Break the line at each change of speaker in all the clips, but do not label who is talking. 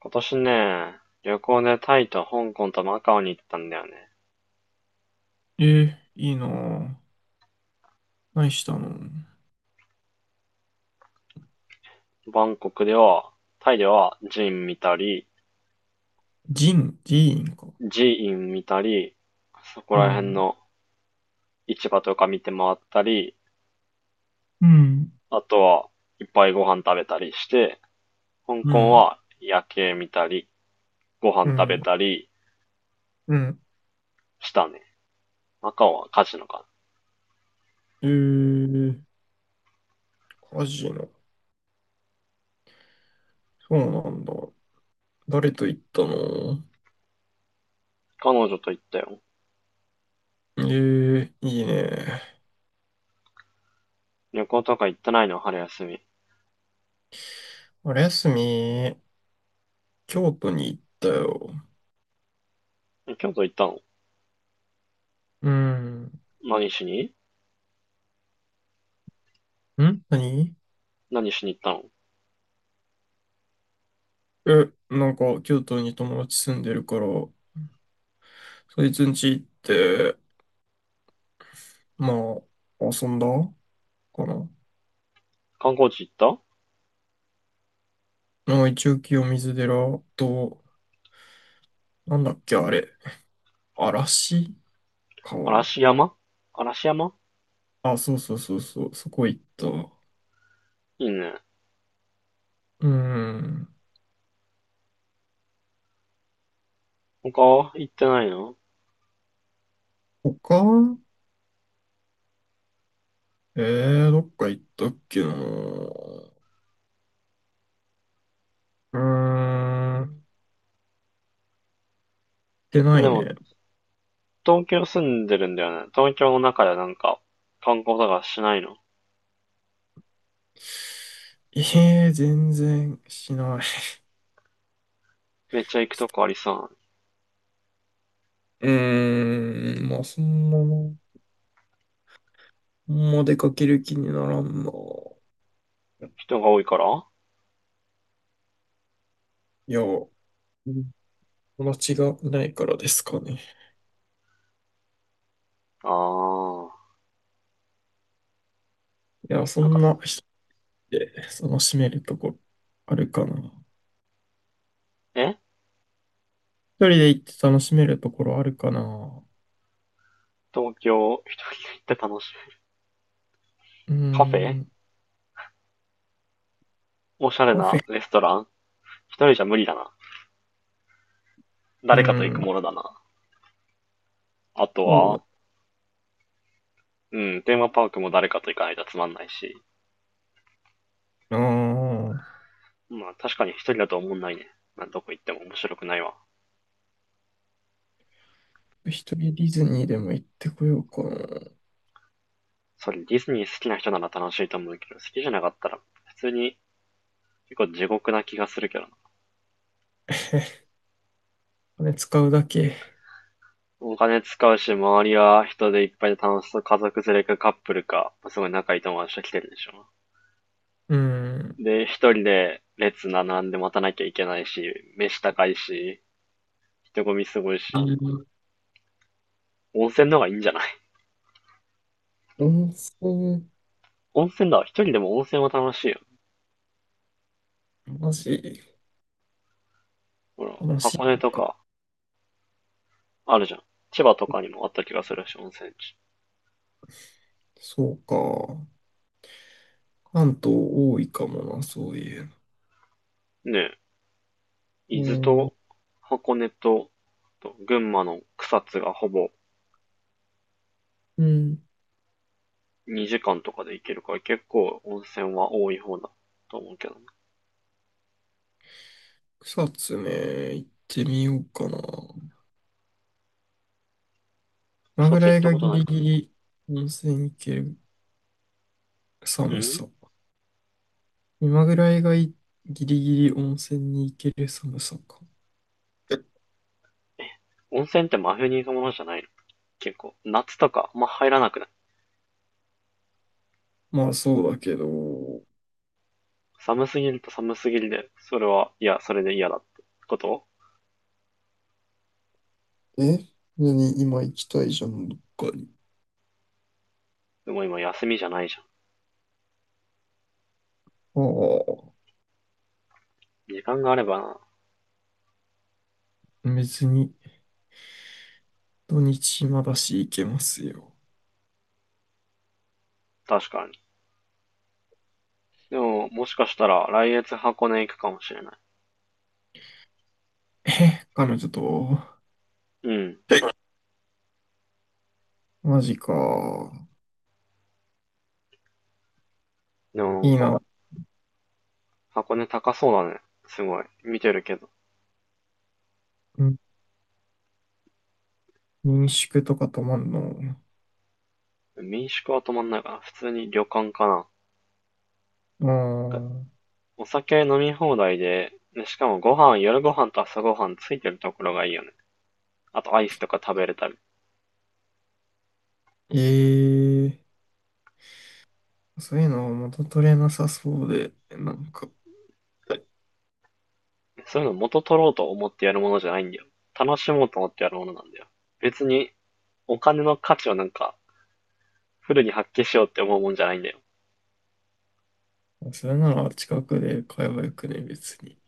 今年ね、旅行でタイと香港とマカオに行ったんだよね。
えー、いいなぁ。何したの？
バンコクでは、タイでは寺院見たり、
ジーンか。
寺院見たり、そこ
う
ら辺
ん、
の市場とか見て回ったり、
うん。
あとはいっぱいご飯食べたりして、香
う
港
ん、
は夜景見たり、ご
う
飯食べ
ん、
たり
うん。
したね。マカオはカジノかな。
えー、カジノ。そうなんだ。誰と行ったの？
彼女と行ったよ。
えー、いいね。
旅行とか行ってないの？春休み。
あれ休み、京都に行ったよ。
今京都行ったの？
うん。ん、
何しに？
何？
行ったの？
え、なんか、京都に友達住んでるから、そいつん家行って、まあ、遊んだかな。
観光地行った？
まあ、一応清水寺と、なんだっけ、あれ。嵐
嵐
川。
山。嵐山
あ、そうそうそうそう、そこ行った。う
いいね。
ーん。
他は行ってないの？
他、えどっか行ったっけな。うーん。行ってな
で
い
も、
ね。
東京住んでるんだよね。東京の中でなんか、観光とかしないの？
全然しない。
めっちゃ行くとこありそうなの。
うーん、まあ、そんなもあんま出かける気にならんな。
人が多いからあ
いや、うん、友達がいないからですかね。
ー。
いや、そ
なん
んな
か、
人って楽しめるとこあるかな。
え
一人で行って楽しめるところあるかな。
東京行って楽しい？
うー
カフェ、
ん、
おしゃれ
カフ
な
ェ。
レストラン、一人じゃ無理だな。
うー
誰かと行く
ん、
ものだな。あと
そ
は、
う
うん、テーマパークも誰かと行かないとつまんないし。
だな。
まあ確かに一人だと思んないね。まあどこ行っても面白くないわ。
一人ディズニーでも行ってこようかな。
それディズニー好きな人なら楽しいと思うけど、好きじゃなかったら、普通に結構地獄な気がするけどな。
お金使うだけ。
お金使うし、周りは人でいっぱいで楽しそう。家族連れかカップルか、すごい仲いい友達と来てるでしょ。
うーん。
で、一人で列並んで待たなきゃいけないし、飯高いし、人混みすごい
あ
し、
の
温泉の方がいいんじゃない？
温泉、
温泉だわ。一人でも温泉は楽しいよ。
マジ、
ほら、
楽しい
箱根と
か。
かあるじゃん。千葉とかにもあった気がするし、温泉地。
そうか。関東多いかもな、そういう
ねえ。伊豆
の。うん。
と箱根と、群馬の草津がほぼ
うん、
2時間とかで行けるから結構温泉は多い方だと思うけどね。
草津ね、行ってみようかな。今
草
ぐ
津行
ら
っ
い
た
が
こと
ギ
ない
リ
か
ギリ温泉行ける
な。う
寒
ん。
さ。今ぐらいがギリギリ温泉に行ける寒さか。
え、温泉って真冬に行くものじゃないの？結構、夏とかまあ入らなくない？
まあそうだけど、
寒すぎると寒すぎるで、それは、いや、それで嫌だってこと？
え、何、今行きたいじゃん、どっかに。
でも今休みじゃないじゃん。
ああ、
時間があればな。
別に土日暇だし行けますよ。
確かに。でも、もしかしたら来月箱根行くかもしれない。
え、彼女と、
うん。
マジか。
でもな
い
ん
い
か、
な。
箱根高そうだね。すごい。見てるけど。
ん民宿とか泊まんの。
民宿は泊まんないかな。普通に旅館かな。
ああ、
お酒飲み放題で、でしかもご飯、夜ご飯と朝ご飯ついてるところがいいよね。あとアイスとか食べれたり。
ええそういうのは元取れなさそうで、なんか、
そういうの元取ろうと思ってやるものじゃないんだよ。楽しもうと思ってやるものなんだよ。別にお金の価値をなんかフルに発揮しようって思うもんじゃないんだよ。
それなら近くで買えばよくね、別に。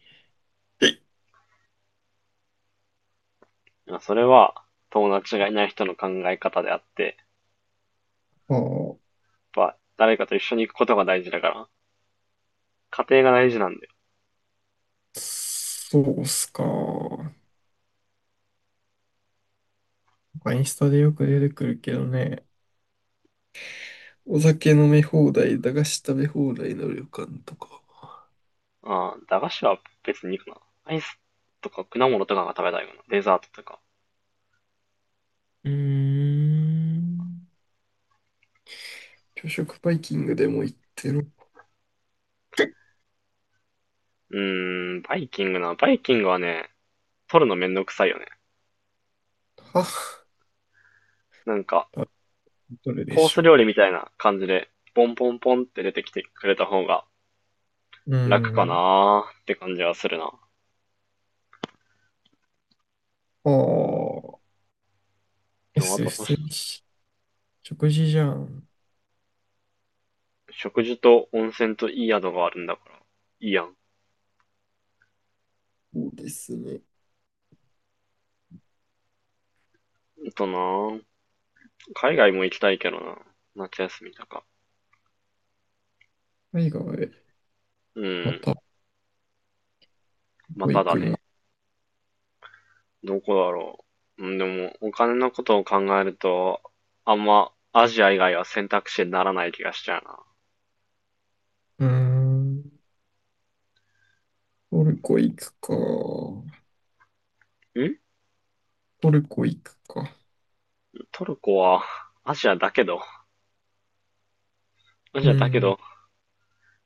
それは友達がいない人の考え方であって、
ああ。
やっぱ誰かと一緒に行くことが大事だから、家庭が大事なんだよ。
そうっすか。なんかインスタでよく出てくるけどね。お酒飲み放題、駄菓子食べ放題の旅館とか、
ああ、駄菓子は別にいいかな。アイスとか果物とかが食べたいかな。デザートとか。
うーん。朝食バイキングでも行ってる？
うーん、バイキングな。バイキングはね、取るのめんどくさいよね。
は、
なんか、
多分どれで
コー
し
ス
ょ
料理みたいな感じで、ポンポンポンって出てきてくれた方が
う。うー
楽か
ん。
なーって感じはするな。
ああ、
あ と、
普通に食事じゃん。
食事と温泉といい宿があるんだから、いいやん。
そうですね。
あとなー、海外も行きたいけどな。夏休みとか。
海外へ、
う
ま
ん、
た、ど
ま
こ
た
行
だ
く
ね。
の？
どこだろう。うん、でも、お金のことを考えると、あんま、アジア以外は選択肢にならない気がしちゃうな。
うーん。トルコ行くか。
ん
トルコ行くか。
トルコは、アジアだけど、ア
う
ジアだけ
ーん。
ど、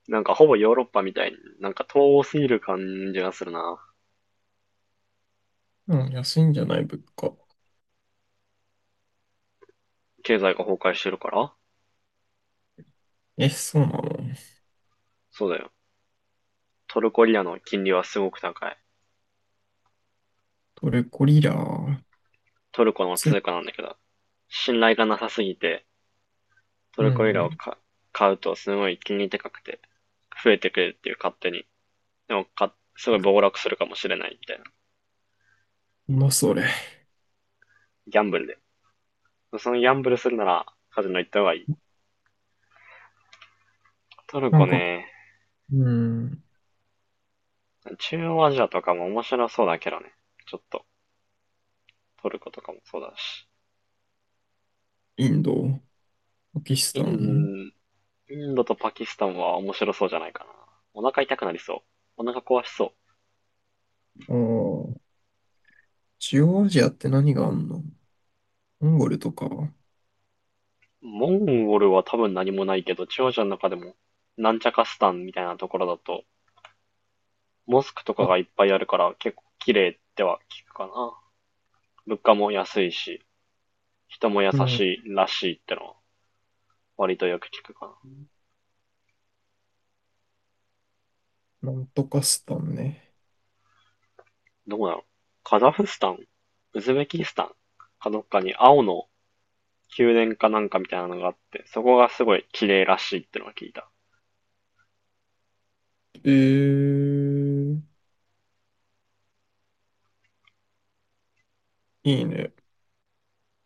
なんかほぼヨーロッパみたいに、なんか遠すぎる感じがするな。
うん、安いんじゃない物価。
経済が崩壊してるから。
え、そうなの？
そうだよ。トルコリアの金利はすごく高い。
トルコリラー
トルコの
ツ。
通貨なんだけど、信頼がなさすぎて、ト
うん、
ルコリラ
う
をか買うとすごい金利高くて、増えてくれるっていう勝手に。でもか、すごい暴落するかもしれないみたいな。
ん。それ。
ギャンブルで。そのギャンブルするならカジノ行った方がいい。トル
なん
コ
か、
ね、
うん。
中央アジアとかも面白そうだけどね。ちょっと、トルコとかもそうだし。
インド、パキス
イ
タン、
ン、インドとパキスタンは面白そうじゃないかな。お腹痛くなりそう。お腹壊しそ
ああ、中央アジアって何があんの？モンゴルとか。
う。モンゴルは多分何もないけど、中央アジアの中でも、なんちゃかスタンみたいなところだと、モスクとか
あ、
がいっぱいあるから結構綺麗っては聞くかな。物価も安いし、人も優
うん。
しいらしいってのは割とよく聞くかな。
なんとかスタンね。
どこだろう。カザフスタン、ウズベキスタンかどっかに青の宮殿かなんかみたいなのがあって、そこがすごい綺麗らしいってのは聞いた。
えー、いいね。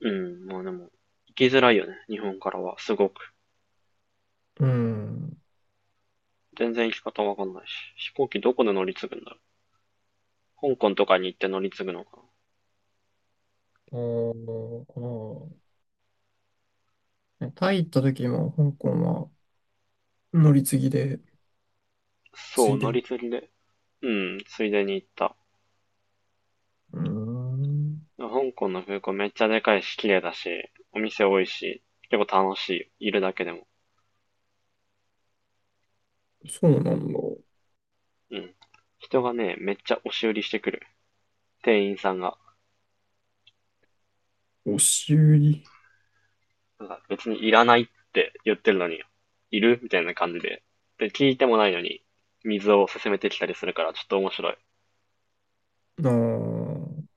うん、まあでも、行きづらいよね、日本からは、すごく。
うん。
全然行き方わかんないし。飛行機どこで乗り継ぐんだろう。香港とかに行って乗り継ぐのかな。
あーあなタイ行った時も香港は乗り継ぎで、つ
そう、
いで
乗
に。
り継ぎで。うん、ついでに行った。
うーん。
香港の空港めっちゃでかいし、綺麗だし、お店多いし、結構楽しいいるだけでも。
そうなんだ。
うん。人がね、めっちゃ押し売りしてくる。店員さんが。
押し売り。
なんか別にいらないって言ってるのに、いるみたいな感じで。で、聞いてもないのに、水を勧めてきたりするから、ちょっと面白い。
あー